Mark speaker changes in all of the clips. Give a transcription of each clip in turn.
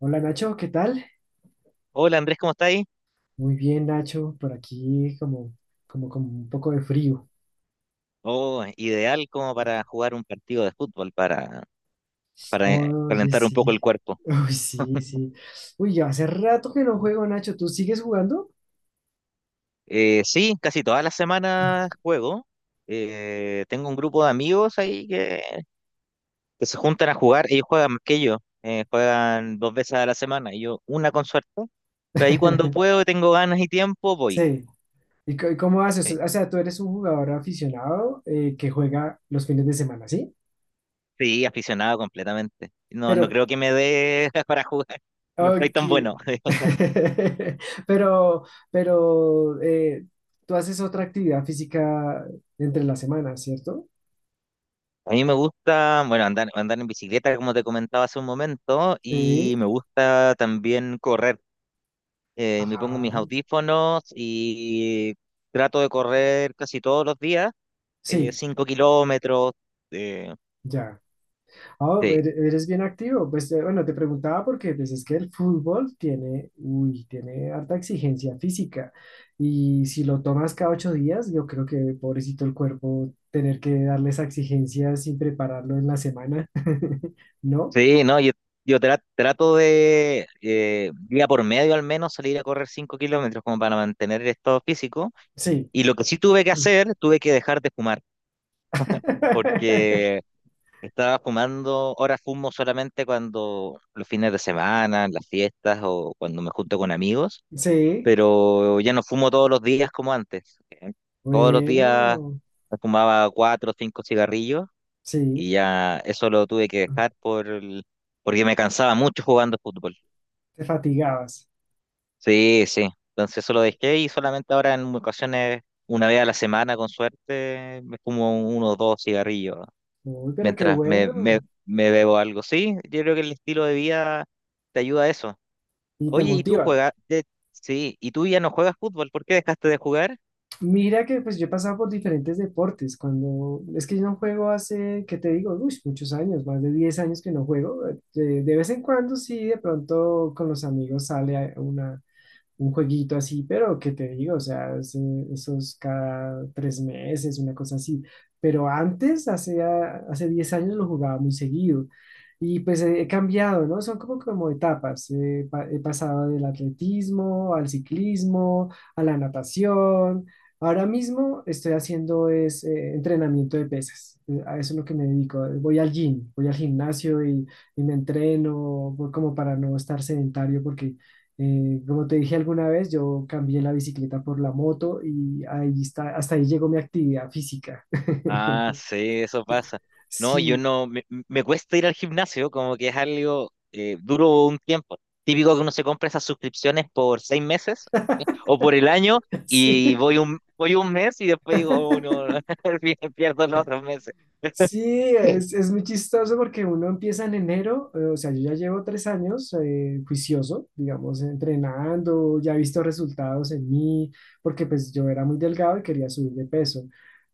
Speaker 1: Hola Nacho, ¿qué tal?
Speaker 2: Hola Andrés, ¿cómo estáis?
Speaker 1: Muy bien Nacho, por aquí como un poco de frío.
Speaker 2: Oh, ideal como para jugar un partido de fútbol, para
Speaker 1: Oye,
Speaker 2: calentar un poco el
Speaker 1: sí.
Speaker 2: cuerpo.
Speaker 1: Uy, sí, sí. Uy, ya hace rato que no juego Nacho, ¿tú sigues jugando?
Speaker 2: Sí, casi todas las semanas juego. Tengo un grupo de amigos ahí que se juntan a jugar. Ellos juegan más que yo. Juegan dos veces a la semana y yo una con suerte. Pero ahí cuando puedo, tengo ganas y tiempo, voy.
Speaker 1: Sí. ¿Y cómo haces?
Speaker 2: Eh,
Speaker 1: O sea, tú eres un jugador aficionado que juega los fines de semana, ¿sí?
Speaker 2: Sí, aficionado completamente. No, no
Speaker 1: Pero,
Speaker 2: creo que me dé para jugar. No soy
Speaker 1: ok.
Speaker 2: tan bueno.
Speaker 1: Pero, pero, tú haces otra actividad física entre la semana, ¿cierto?
Speaker 2: A mí me gusta, bueno, andar en bicicleta, como te comentaba hace un momento, y
Speaker 1: Sí.
Speaker 2: me gusta también correr. Me pongo mis
Speaker 1: Ajá.
Speaker 2: audífonos y trato de correr casi todos los días,
Speaker 1: Sí.
Speaker 2: 5 kilómetros. eh,
Speaker 1: Ya. Ah,
Speaker 2: sí,
Speaker 1: eres bien activo. Pues bueno, te preguntaba porque pues, es que el fútbol tiene, uy, tiene harta exigencia física. Y si lo tomas cada 8 días, yo creo que pobrecito el cuerpo tener que darle esa exigencia sin prepararlo en la semana. ¿No?
Speaker 2: sí, no, yo trato de día por medio al menos salir a correr 5 kilómetros como para mantener el estado físico.
Speaker 1: Sí.
Speaker 2: Y lo que sí tuve que hacer, tuve que dejar de fumar. Porque estaba fumando, ahora fumo solamente cuando los fines de semana, en las fiestas o cuando me junto con amigos,
Speaker 1: Sí.
Speaker 2: pero ya no fumo todos los días como antes. ¿Eh? Todos los días
Speaker 1: Bueno,
Speaker 2: me fumaba cuatro o cinco cigarrillos
Speaker 1: sí.
Speaker 2: y ya eso lo tuve que dejar por porque me cansaba mucho jugando fútbol.
Speaker 1: Te fatigabas.
Speaker 2: Sí, sí. Entonces eso lo dejé y solamente ahora en ocasiones, una vez a la semana con suerte, me fumo uno o dos cigarrillos.
Speaker 1: Uy, pero qué
Speaker 2: Mientras
Speaker 1: bueno.
Speaker 2: me bebo algo. Sí, yo creo que el estilo de vida te ayuda a eso.
Speaker 1: Y te
Speaker 2: Oye, ¿y tú
Speaker 1: motiva.
Speaker 2: juegas? Sí, ¿y tú ya no juegas fútbol? ¿Por qué dejaste de jugar?
Speaker 1: Mira que pues yo he pasado por diferentes deportes. Cuando es que yo no juego hace, ¿qué te digo? Uy, muchos años, más de 10 años que no juego. De vez en cuando sí, de pronto con los amigos sale a un jueguito así, pero ¿qué te digo? O sea, esos cada 3 meses, una cosa así. Pero antes, hace 10 años, lo jugaba muy seguido. Y pues he cambiado, ¿no? Son como etapas. He pasado del atletismo al ciclismo, a la natación. Ahora mismo estoy haciendo es, entrenamiento de pesas. A eso es lo que me dedico. Voy al gym, voy al gimnasio y, me entreno voy como para no estar sedentario porque como te dije alguna vez, yo cambié la bicicleta por la moto y ahí está, hasta ahí llegó mi actividad física.
Speaker 2: Ah, sí, eso pasa. No, yo
Speaker 1: Sí,
Speaker 2: no, me cuesta ir al gimnasio, como que es algo duro un tiempo. Típico que uno se compra esas suscripciones por seis meses o por el año
Speaker 1: sí.
Speaker 2: y voy un mes y después digo, oh, no, pierdo los otros meses.
Speaker 1: Sí, es muy chistoso porque uno empieza en enero, o sea, yo ya llevo 3 años juicioso, digamos, entrenando, ya he visto resultados en mí, porque pues yo era muy delgado y quería subir de peso,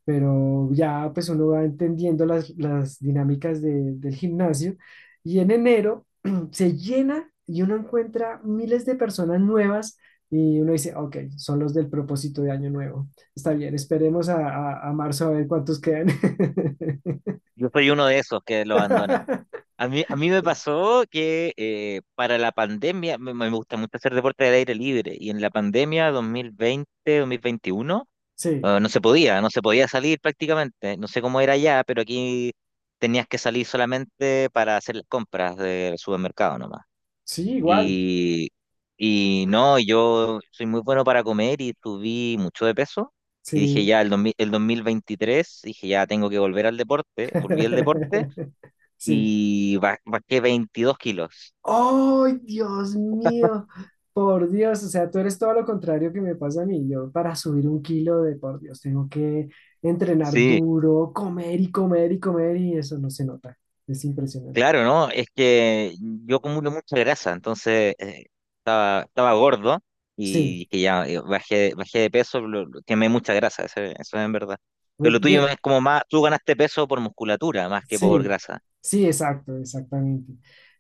Speaker 1: pero ya pues uno va entendiendo las dinámicas del gimnasio y en enero se llena y uno encuentra miles de personas nuevas y uno dice, ok, son los del propósito de año nuevo, está bien, esperemos a, a marzo a ver cuántos quedan.
Speaker 2: Yo soy uno de esos que lo abandona. A mí me pasó que para la pandemia, me gusta mucho hacer deporte al aire libre, y en la pandemia 2020, 2021,
Speaker 1: Sí,
Speaker 2: no se podía, no se podía salir prácticamente. No sé cómo era allá, pero aquí tenías que salir solamente para hacer las compras del supermercado nomás.
Speaker 1: sí, igual.
Speaker 2: Y, y no, yo soy muy bueno para comer y subí mucho de peso. Y dije
Speaker 1: Sí.
Speaker 2: ya, el 2023 dije ya, tengo que volver al deporte, volví al deporte
Speaker 1: Sí.
Speaker 2: y bajé 22 kilos.
Speaker 1: ¡Ay, Dios mío! Por Dios, o sea, tú eres todo lo contrario que me pasa a mí. Yo para subir un kilo de, por Dios, tengo que entrenar
Speaker 2: Sí,
Speaker 1: duro, comer y comer y comer y eso no se nota. Es impresionante.
Speaker 2: claro, ¿no? Es que yo acumulo mucha grasa, entonces estaba gordo
Speaker 1: Sí,
Speaker 2: y que ya bajé de peso, quemé mucha grasa, eso es en verdad. Pero lo tuyo
Speaker 1: y-
Speaker 2: es como más, tú ganaste peso por musculatura más que por
Speaker 1: sí,
Speaker 2: grasa.
Speaker 1: sí, exacto, exactamente.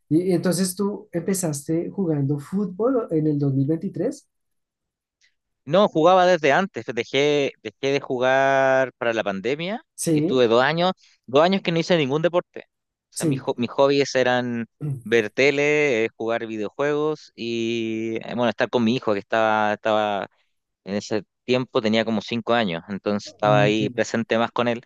Speaker 1: Y entonces tú empezaste jugando fútbol en el 2023.
Speaker 2: No, jugaba desde antes. Dejé de jugar para la pandemia y
Speaker 1: Sí,
Speaker 2: estuve dos años que no hice ningún deporte. O sea,
Speaker 1: sí.
Speaker 2: mis hobbies eran ver tele, jugar videojuegos y, bueno, estar con mi hijo que estaba en ese tiempo, tenía como cinco años, entonces
Speaker 1: Ah,
Speaker 2: estaba
Speaker 1: ok,
Speaker 2: ahí presente más con él.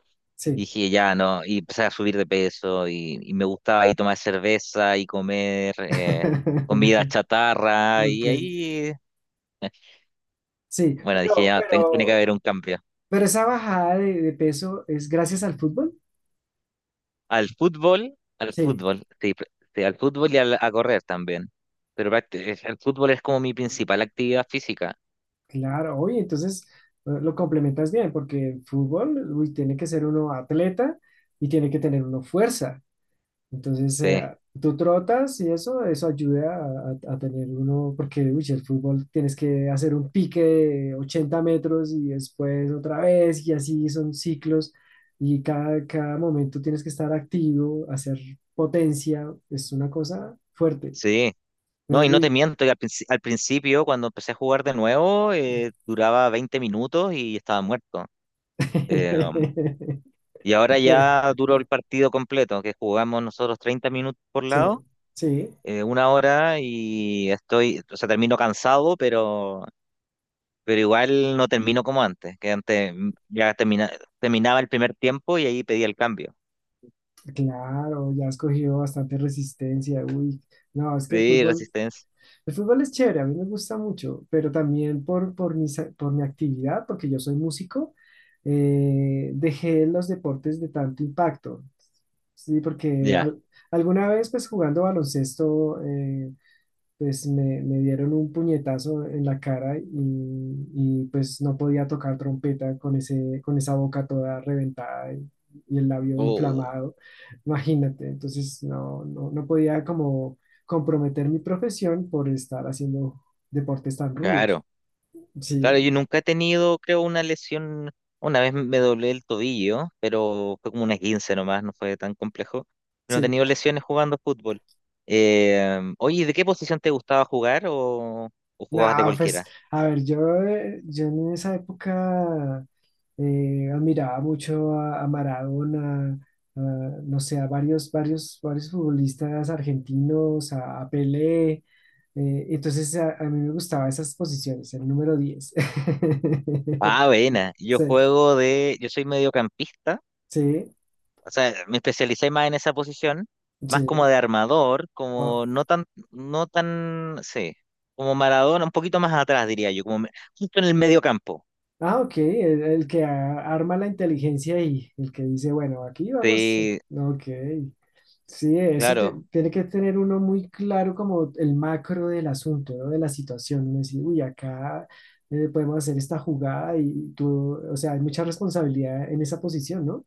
Speaker 2: Y
Speaker 1: sí.
Speaker 2: dije, ya, no, y empecé a subir de peso y me gustaba ahí tomar cerveza y comer comida chatarra
Speaker 1: Ok,
Speaker 2: y ahí...
Speaker 1: sí,
Speaker 2: Bueno, dije
Speaker 1: pero,
Speaker 2: ya, tiene que
Speaker 1: pero,
Speaker 2: haber un cambio.
Speaker 1: pero esa bajada de peso es gracias al fútbol.
Speaker 2: Al
Speaker 1: Sí,
Speaker 2: fútbol, sí, sí, al fútbol y a correr también. Pero el fútbol es como mi principal actividad física.
Speaker 1: claro, oye, entonces lo complementas bien, porque el fútbol, uy, tiene que ser uno atleta y tiene que tener uno fuerza. Entonces,
Speaker 2: Sí,
Speaker 1: tú trotas y eso ayuda a, a tener uno, porque uy, el fútbol tienes que hacer un pique de 80 metros y después otra vez y así son ciclos y cada, cada momento tienes que estar activo, hacer potencia, es una cosa fuerte.
Speaker 2: sí. No, y no te
Speaker 1: Uy.
Speaker 2: miento, y al principio, cuando empecé a jugar de nuevo, duraba 20 minutos y estaba muerto. Eh, um, y ahora
Speaker 1: Eh,
Speaker 2: ya duró el partido completo, que jugamos nosotros 30 minutos por
Speaker 1: sí,
Speaker 2: lado,
Speaker 1: sí,
Speaker 2: una hora, y estoy, o sea, termino cansado, pero igual no termino como antes, que antes ya terminaba el primer tiempo y ahí pedía el cambio.
Speaker 1: claro, ya has cogido bastante resistencia, uy. No, es que el
Speaker 2: Sí,
Speaker 1: fútbol.
Speaker 2: resistencia.
Speaker 1: El fútbol es chévere, a mí me gusta mucho, pero también por, mi, por mi actividad, porque yo soy músico, dejé los deportes de tanto impacto. Sí, porque
Speaker 2: Ya.
Speaker 1: alguna vez, pues jugando baloncesto, pues me dieron un puñetazo en la cara y pues no podía tocar trompeta con ese, con esa boca toda reventada y el labio
Speaker 2: Oh,
Speaker 1: inflamado, imagínate, entonces no, no, no podía como comprometer mi profesión por estar haciendo deportes tan rudos.
Speaker 2: claro. Claro,
Speaker 1: Sí,
Speaker 2: yo nunca he tenido, creo, una lesión. Una vez me doblé el tobillo, pero fue como una 15 nomás, no fue tan complejo. No he
Speaker 1: sí.
Speaker 2: tenido lesiones jugando fútbol. Oye, ¿de qué posición te gustaba jugar o
Speaker 1: No,
Speaker 2: jugabas de
Speaker 1: pues,
Speaker 2: cualquiera?
Speaker 1: a ver, yo, yo en esa época admiraba mucho a Maradona, a, no sé, a varios futbolistas argentinos, a Pelé. Entonces, a mí me gustaban esas posiciones, el número 10.
Speaker 2: Ah, buena. Yo
Speaker 1: Sí,
Speaker 2: juego de, yo soy mediocampista.
Speaker 1: sí,
Speaker 2: O sea, me especialicé más en esa posición, más como
Speaker 1: sí.
Speaker 2: de armador,
Speaker 1: Oh,
Speaker 2: como no tan, no tan, sí, como Maradona, un poquito más atrás, diría yo, justo en el medio campo.
Speaker 1: ah, ok, el que arma la inteligencia y el que dice, bueno, aquí vamos,
Speaker 2: Sí,
Speaker 1: ok. Sí, eso
Speaker 2: claro,
Speaker 1: tiene que tener uno muy claro como el macro del asunto, ¿no? De la situación. Uno decir, uy, acá podemos hacer esta jugada y tú, o sea, hay mucha responsabilidad en esa posición, ¿no?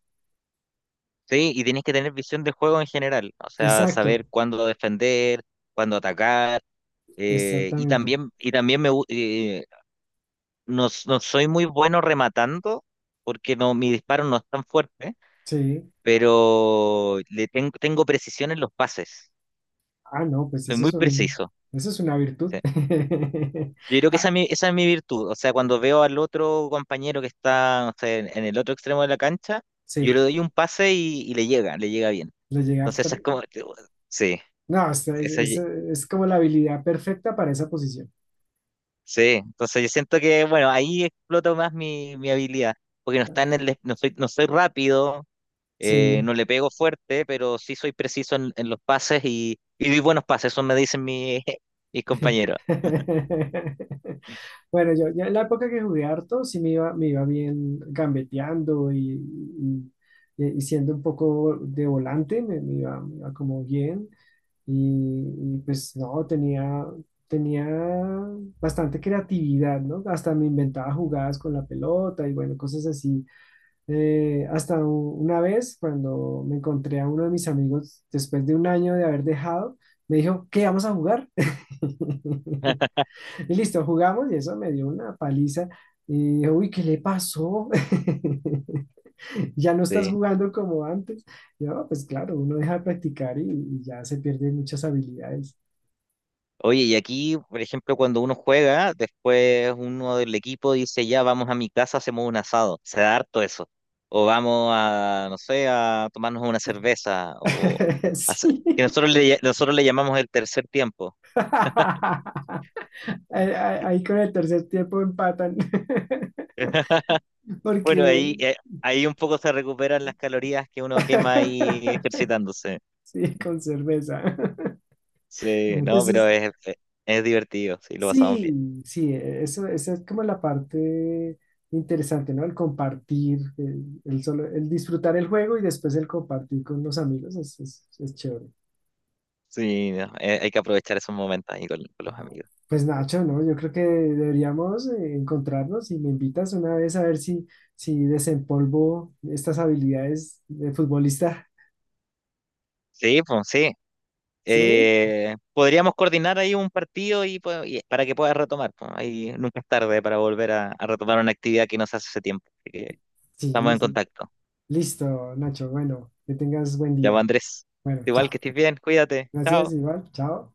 Speaker 2: sí, y tienes que tener visión de juego en general, o sea, saber
Speaker 1: Exacto,
Speaker 2: cuándo defender, cuándo atacar,
Speaker 1: exactamente.
Speaker 2: y también no, no soy muy bueno rematando, porque no, mi disparo no es tan fuerte,
Speaker 1: Sí.
Speaker 2: pero tengo precisión en los pases,
Speaker 1: Ah, no, pues
Speaker 2: soy
Speaker 1: eso
Speaker 2: muy
Speaker 1: es un,
Speaker 2: preciso.
Speaker 1: eso es una virtud.
Speaker 2: Sí. Yo creo que
Speaker 1: Ah,
Speaker 2: esa es mi virtud. O sea, cuando veo al otro compañero que está, no sé, en el otro extremo de la cancha, yo le
Speaker 1: sí,
Speaker 2: doy un pase y le llega bien.
Speaker 1: le llega.
Speaker 2: Entonces, esa es como, sí,
Speaker 1: No, es,
Speaker 2: esa, ye-
Speaker 1: es como la habilidad perfecta para esa posición.
Speaker 2: sí. Entonces, yo siento que, bueno, ahí exploto más mi, mi habilidad, porque no está en no soy, no soy rápido,
Speaker 1: Sí.
Speaker 2: no le pego fuerte, pero sí soy preciso en los pases y doy buenos pases, eso me dicen mis compañeros.
Speaker 1: Bueno, yo en la época que jugué harto, sí me iba bien gambeteando y, y siendo un poco de volante, me, me iba como bien. Y, y pues no, tenía, tenía bastante creatividad, ¿no? Hasta me inventaba jugadas con la pelota y bueno, cosas así. Hasta una vez cuando me encontré a uno de mis amigos después de un año de haber dejado, me dijo, ¿qué vamos a jugar? Y listo, jugamos y eso me dio una paliza. Y dije, uy, ¿qué le pasó? Ya no estás
Speaker 2: Sí.
Speaker 1: jugando como antes. Yo, "No, pues claro, uno deja de practicar y ya se pierden muchas habilidades."
Speaker 2: Oye, y aquí, por ejemplo, cuando uno juega, después uno del equipo dice, ya vamos a mi casa, hacemos un asado. Se da harto eso. O vamos a, no sé, a tomarnos una cerveza. O hacer-
Speaker 1: Sí.
Speaker 2: que nosotros nosotros le llamamos el tercer tiempo.
Speaker 1: Ahí con el tercer tiempo empatan.
Speaker 2: Bueno,
Speaker 1: Porque,
Speaker 2: ahí, ahí un poco se recuperan las calorías que uno quema ahí ejercitándose.
Speaker 1: sí, con cerveza.
Speaker 2: Sí, no,
Speaker 1: Eso
Speaker 2: pero
Speaker 1: es,
Speaker 2: es divertido, sí, lo pasamos bien.
Speaker 1: sí, sí, eso, esa es como la parte interesante, ¿no? El compartir, el solo, el disfrutar el juego y después el compartir con los amigos es, es chévere,
Speaker 2: Sí, no, hay que aprovechar esos momentos ahí con los
Speaker 1: ¿no?
Speaker 2: amigos.
Speaker 1: Pues Nacho, ¿no? Yo creo que deberíamos encontrarnos y me invitas una vez a ver si, si desempolvo estas habilidades de futbolista.
Speaker 2: Sí, pues sí.
Speaker 1: ¿Sí?
Speaker 2: Podríamos coordinar ahí un partido y, y para que puedas retomar. Po. Ahí nunca es tarde para volver a retomar una actividad que nos hace hace tiempo. Así que estamos
Speaker 1: Sí,
Speaker 2: en
Speaker 1: sí.
Speaker 2: contacto.
Speaker 1: Listo, Nacho. Bueno, que tengas buen
Speaker 2: Ya, pues,
Speaker 1: día.
Speaker 2: Andrés.
Speaker 1: Bueno,
Speaker 2: Igual
Speaker 1: chao.
Speaker 2: que estés bien, cuídate.
Speaker 1: Gracias,
Speaker 2: Chao.
Speaker 1: igual. Chao.